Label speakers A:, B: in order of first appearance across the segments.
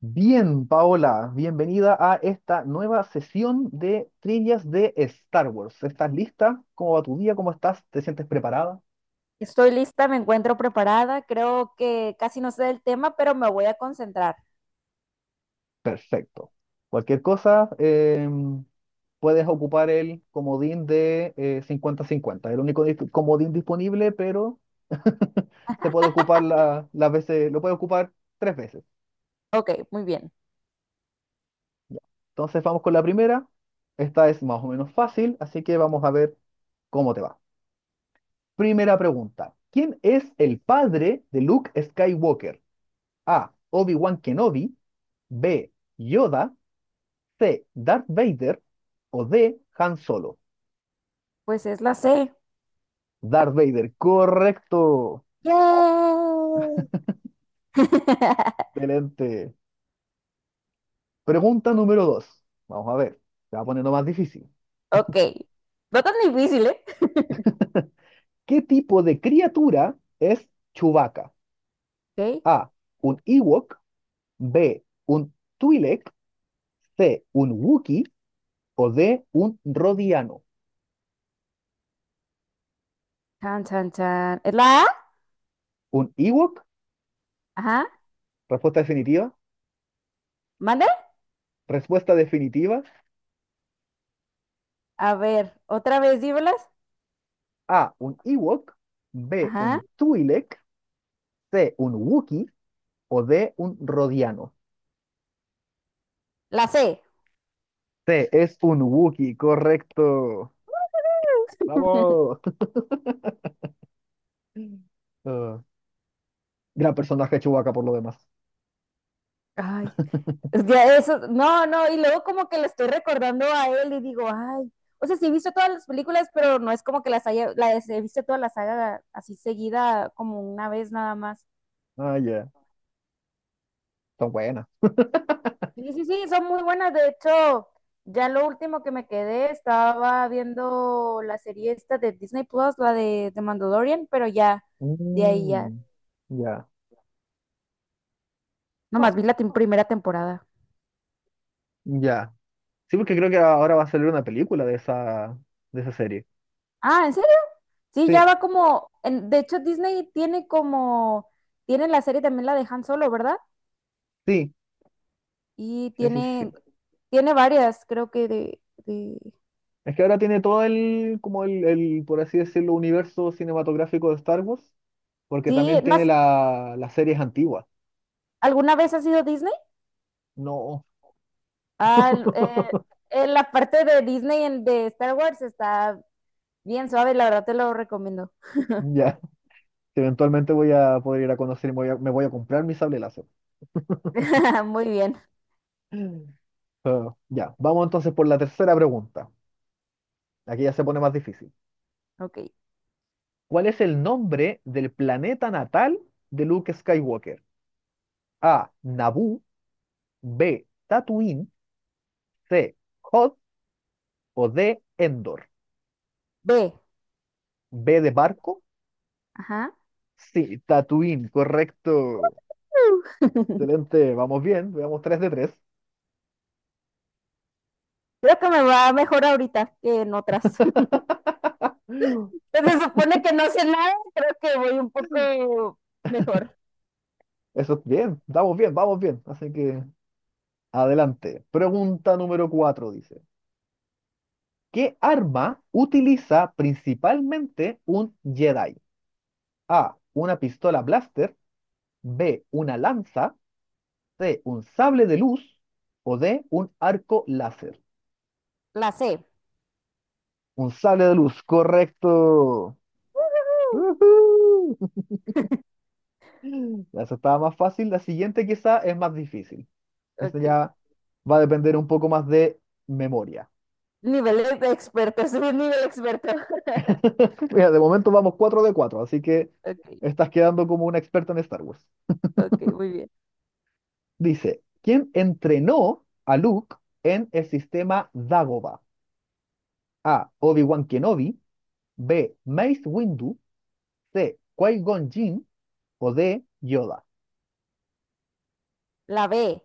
A: Bien, Paola, bienvenida a esta nueva sesión de trillas de Star Wars. ¿Estás lista? ¿Cómo va tu día? ¿Cómo estás? ¿Te sientes preparada?
B: Estoy lista, me encuentro preparada. Creo que casi no sé del tema, pero me voy a concentrar.
A: Perfecto. Cualquier cosa, puedes ocupar el comodín de 50-50. El único comodín disponible, pero se puede ocupar las veces, lo puedes ocupar 3 veces.
B: Ok, muy bien.
A: Ya. Entonces vamos con la primera. Esta es más o menos fácil, así que vamos a ver cómo te va. Primera pregunta. ¿Quién es el padre de Luke Skywalker? A, Obi-Wan Kenobi. B, Yoda. C, Darth Vader. O D, Han Solo.
B: Pues es la C.
A: Darth Vader. Correcto.
B: ¡Yay!
A: Excelente. Pregunta número dos. Vamos a ver. Se va poniendo más difícil.
B: Ok. No tan difícil, ¿eh?
A: ¿Qué tipo de criatura es Chewbacca?
B: Ok.
A: A, un Ewok. B, un Twi'lek. C, un Wookiee. O D, un Rodiano.
B: Chan, chan, chan. ¿Es la A?
A: Un Ewok.
B: Ajá.
A: Respuesta definitiva.
B: ¿Mande?
A: Respuesta definitiva.
B: A ver, otra vez, dímelas.
A: A, un Ewok. B,
B: Ajá.
A: un Twi'lek. C, un Wookiee. O D, un Rodiano.
B: La C.
A: C, es un Wookiee, correcto. Vamos. Ah, gran personaje Chewbacca por lo demás.
B: Ay, ya eso, no, no, y luego como que le estoy recordando a él y digo, ay, o sea, sí he visto todas las películas, pero no es como que las he visto toda la saga así seguida como una vez nada más.
A: Ah, ya. Son buenas.
B: Sí, sí, sí, son muy buenas, de hecho, ya lo último que me quedé, estaba viendo la serie esta de Disney Plus, la de Mandalorian, pero ya, de ahí ya,
A: Mm, ya.
B: nomás
A: No,
B: vi la primera temporada.
A: ya. Sí, porque creo que ahora va a salir una película de esa serie.
B: Ah, ¿en serio? Sí, ya
A: Sí,
B: va como, de hecho Disney tiene como, tiene la serie también la de Han Solo, ¿verdad?
A: sí,
B: y
A: sí, sí, sí.
B: tiene varias, creo que
A: Es que ahora tiene todo el, como el, por así decirlo, universo cinematográfico de Star Wars, porque
B: Sí,
A: también
B: no,
A: tiene las series antiguas.
B: ¿alguna vez has ido a Disney?
A: No,
B: Ah, en la parte de Disney de Star Wars está bien suave, la verdad te lo recomiendo.
A: ya, eventualmente voy a poder ir a conocer y me voy a comprar mi sable láser.
B: Muy bien,
A: Pero, ya, vamos entonces por la tercera pregunta. Aquí ya se pone más difícil.
B: ok.
A: ¿Cuál es el nombre del planeta natal de Luke Skywalker? A, Naboo. B, Tatooine. C, Hoth. O D, Endor.
B: B,
A: B de barco.
B: ajá.
A: Sí, Tatooine, correcto. Excelente, vamos bien, veamos 3 de 3.
B: Creo que me va mejor ahorita que en otras. Pues se supone que no sé nada, creo que voy un poco mejor.
A: Eso es bien, vamos bien, vamos bien. Así que adelante. Pregunta número 4 dice, ¿qué arma utiliza principalmente un Jedi? A, una pistola blaster. B, una lanza. C, un sable de luz. O D, un arco láser.
B: La C.
A: Un sable de luz, correcto.
B: Ujú.
A: ¡Uhú! Ya, esa estaba más fácil. La siguiente quizá es más difícil. Esta
B: Ok.
A: ya va a depender un poco más de memoria.
B: Nivel de experto, subí nivel experto.
A: Mira, de momento vamos 4 de 4, así que
B: Ok.
A: estás quedando como una experta en Star Wars.
B: Ok, muy bien.
A: Dice, ¿quién entrenó a Luke en el sistema Dagobah? A, Obi-Wan Kenobi. B, Mace Windu. C, Qui-Gon Jinn. O D, Yoda.
B: La B.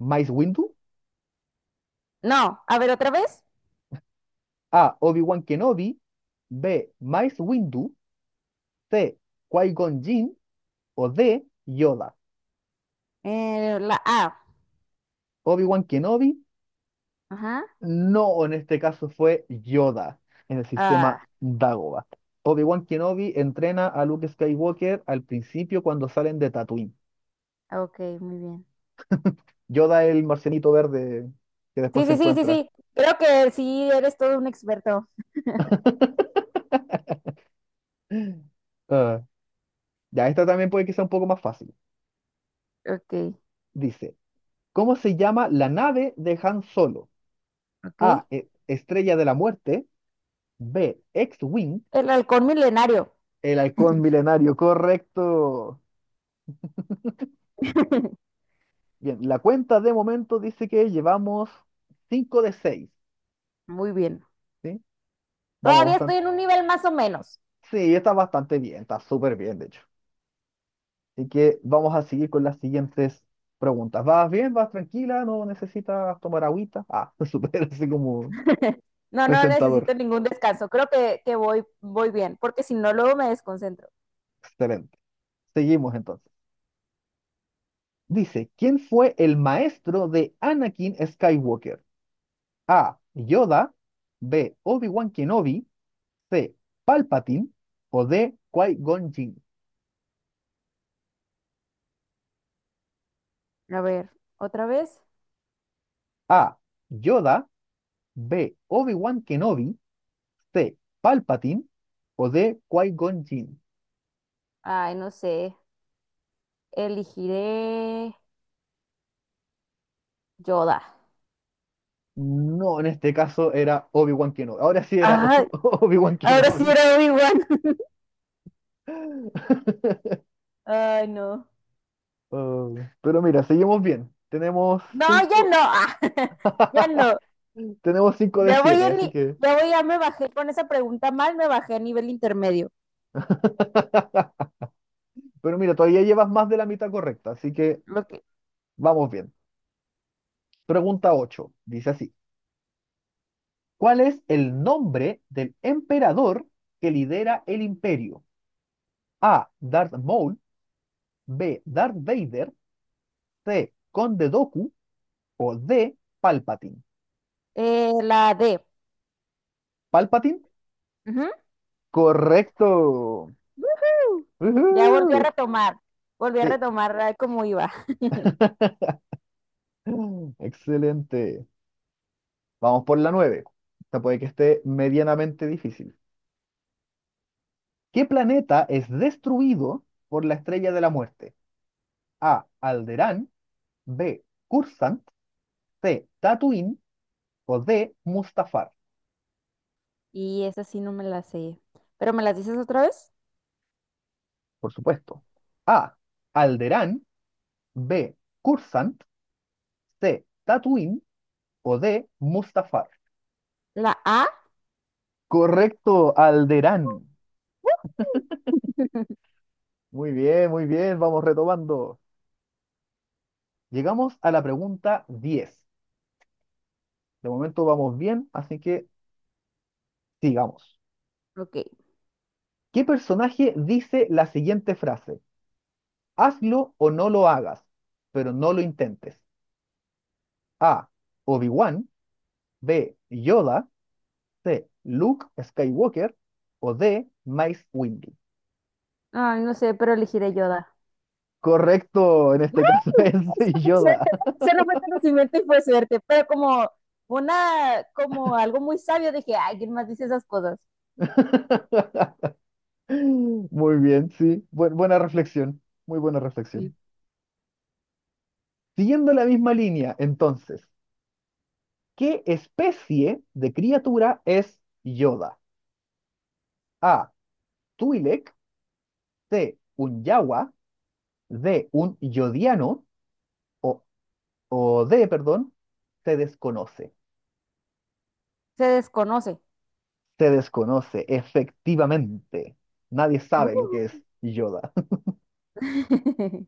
A: Mace Windu.
B: No, a ver otra vez.
A: A, Obi-Wan Kenobi. B, Mace Windu. C, Qui-Gon Jinn. O D, Yoda.
B: La A.
A: Obi-Wan Kenobi,
B: Ajá.
A: no, o en este caso fue Yoda en el
B: Ah,
A: sistema Dagobah. Obi-Wan Kenobi entrena a Luke Skywalker al principio cuando salen de Tatooine.
B: ok, muy bien.
A: Yoda es el marcianito verde que
B: Sí,
A: después se
B: sí, sí, sí,
A: encuentra.
B: sí. Creo que sí, eres todo un experto.
A: Ah, ya, esta también puede que sea un poco más fácil.
B: Ok,
A: Dice, ¿cómo se llama la nave de Han Solo?
B: ok.
A: A, Estrella de la Muerte. B, X-Wing.
B: El halcón milenario.
A: El halcón milenario, correcto. Bien, la cuenta de momento dice que llevamos 5 de 6,
B: Muy bien.
A: ¿sí? Vamos
B: Todavía estoy
A: bastante.
B: en un nivel más o menos.
A: Sí, está bastante bien, está súper bien, de hecho. Así que vamos a seguir con las siguientes preguntas. ¿Vas bien? ¿Vas tranquila? ¿No necesitas tomar agüita? Ah, súper, así como
B: No, no
A: presentador.
B: necesito ningún descanso. Creo que voy bien, porque si no, luego me desconcentro.
A: Excelente. Seguimos entonces. Dice, ¿quién fue el maestro de Anakin Skywalker? A, Yoda. B, Obi-Wan Kenobi. C, Palpatine. O D, Qui-Gon Jinn.
B: A ver, otra vez.
A: A, Yoda. B, Obi-Wan Kenobi. C, Palpatine. O D, Qui-Gon Jinn.
B: Ay, no sé. Elegiré Yoda.
A: No, en este caso era Obi-Wan Kenobi. Ahora sí era
B: Ay,
A: Obi-Wan
B: ahora sí
A: Kenobi.
B: era Obi-Wan. Ay, no.
A: Oh, pero mira, seguimos bien. Tenemos
B: No, ya
A: cinco.
B: no. Ya no.
A: Tenemos cinco de
B: Ya voy a
A: siete, así
B: ni-
A: que.
B: ya voy, ya me bajé con esa pregunta mal, me bajé a nivel intermedio.
A: Pero mira, todavía llevas más de la mitad correcta, así que
B: Lo que,
A: vamos bien. Pregunta 8. Dice así. ¿Cuál es el nombre del emperador que lidera el imperio? A, Darth Maul. B, Darth Vader. C, Conde Doku. O D, Palpatine.
B: la D.
A: Palpatine.
B: Ujú.
A: Correcto.
B: Ujú. Ya volví a
A: Ujú.
B: retomar. Volví a
A: Sí.
B: retomar cómo iba.
A: Excelente. Vamos por la 9. Esta puede que esté medianamente difícil. ¿Qué planeta es destruido por la estrella de la muerte? A, Alderaan. B, Coruscant. C, Tatooine. O D, Mustafar.
B: Y esa sí no me la sé. ¿Pero me las dices otra vez?
A: Por supuesto. A, Alderaan. B, Coruscant. C, Tatooine. O D, Mustafar.
B: ¿La A?
A: Correcto, Alderán.
B: Ujú.
A: Muy bien, vamos retomando. Llegamos a la pregunta 10. De momento vamos bien, así que sigamos.
B: Ok.
A: ¿Qué personaje dice la siguiente frase? Hazlo o no lo hagas, pero no lo intentes. A, Obi-Wan. B, Yoda. C, Luke Skywalker. O D, Mace Windu.
B: Ay, no sé, pero elegiré Yoda.
A: Correcto, en este caso es
B: Eso fue
A: Yoda.
B: suerte, ¿no? Eso no fue conocimiento y fue suerte, pero como como algo muy sabio, dije, ay, ¿quién más dice esas cosas?
A: Muy bien, sí. Buena reflexión, muy buena
B: Sí.
A: reflexión. Siguiendo la misma línea, entonces, ¿qué especie de criatura es Yoda? A, Twi'lek. C, un Yawa. D, un Yodiano. O, o D, perdón, se desconoce.
B: Se desconoce.
A: Se desconoce, efectivamente. Nadie sabe lo que
B: Uh.
A: es Yoda.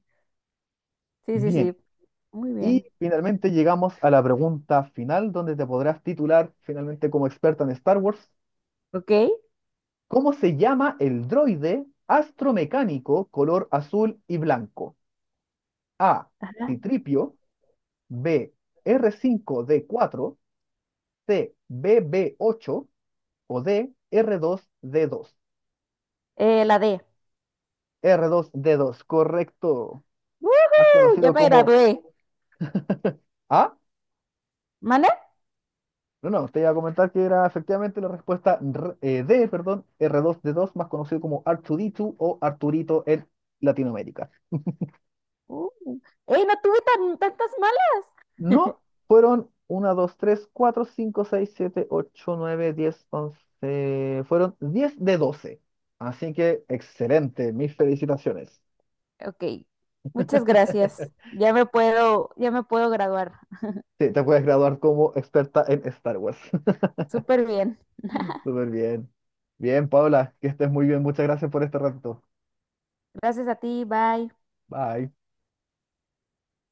B: Sí, sí,
A: Bien,
B: sí. Muy
A: y
B: bien.
A: finalmente llegamos a la pregunta final, donde te podrás titular finalmente como experta en Star Wars.
B: Ok.
A: ¿Cómo se llama el droide astromecánico color azul y blanco? A, Citripio. B, R5D4. C, BB8. O D, R2D2.
B: La D.
A: R2D2, correcto. Más
B: ¡Woohoo! Ya
A: conocido
B: me
A: como
B: gradué.
A: A.
B: ¿Mana?
A: No, no, te iba a comentar que era efectivamente la respuesta D, perdón, R2D2, más conocido como Arturito o Arturito en Latinoamérica.
B: Uh. ¡Ey, no tuve tantas malas!
A: No, fueron 1, dos, tres, cuatro, cinco, seis, siete, ocho, nueve, diez, once. Fueron 10 de 12. Así que excelente, mis felicitaciones.
B: Ok. Muchas gracias. Ya me puedo graduar.
A: Sí, te puedes graduar como experta en Star Wars.
B: Súper bien.
A: Súper bien. Bien, Paula, que estés muy bien. Muchas gracias por este rato.
B: Gracias a ti. Bye.
A: Bye.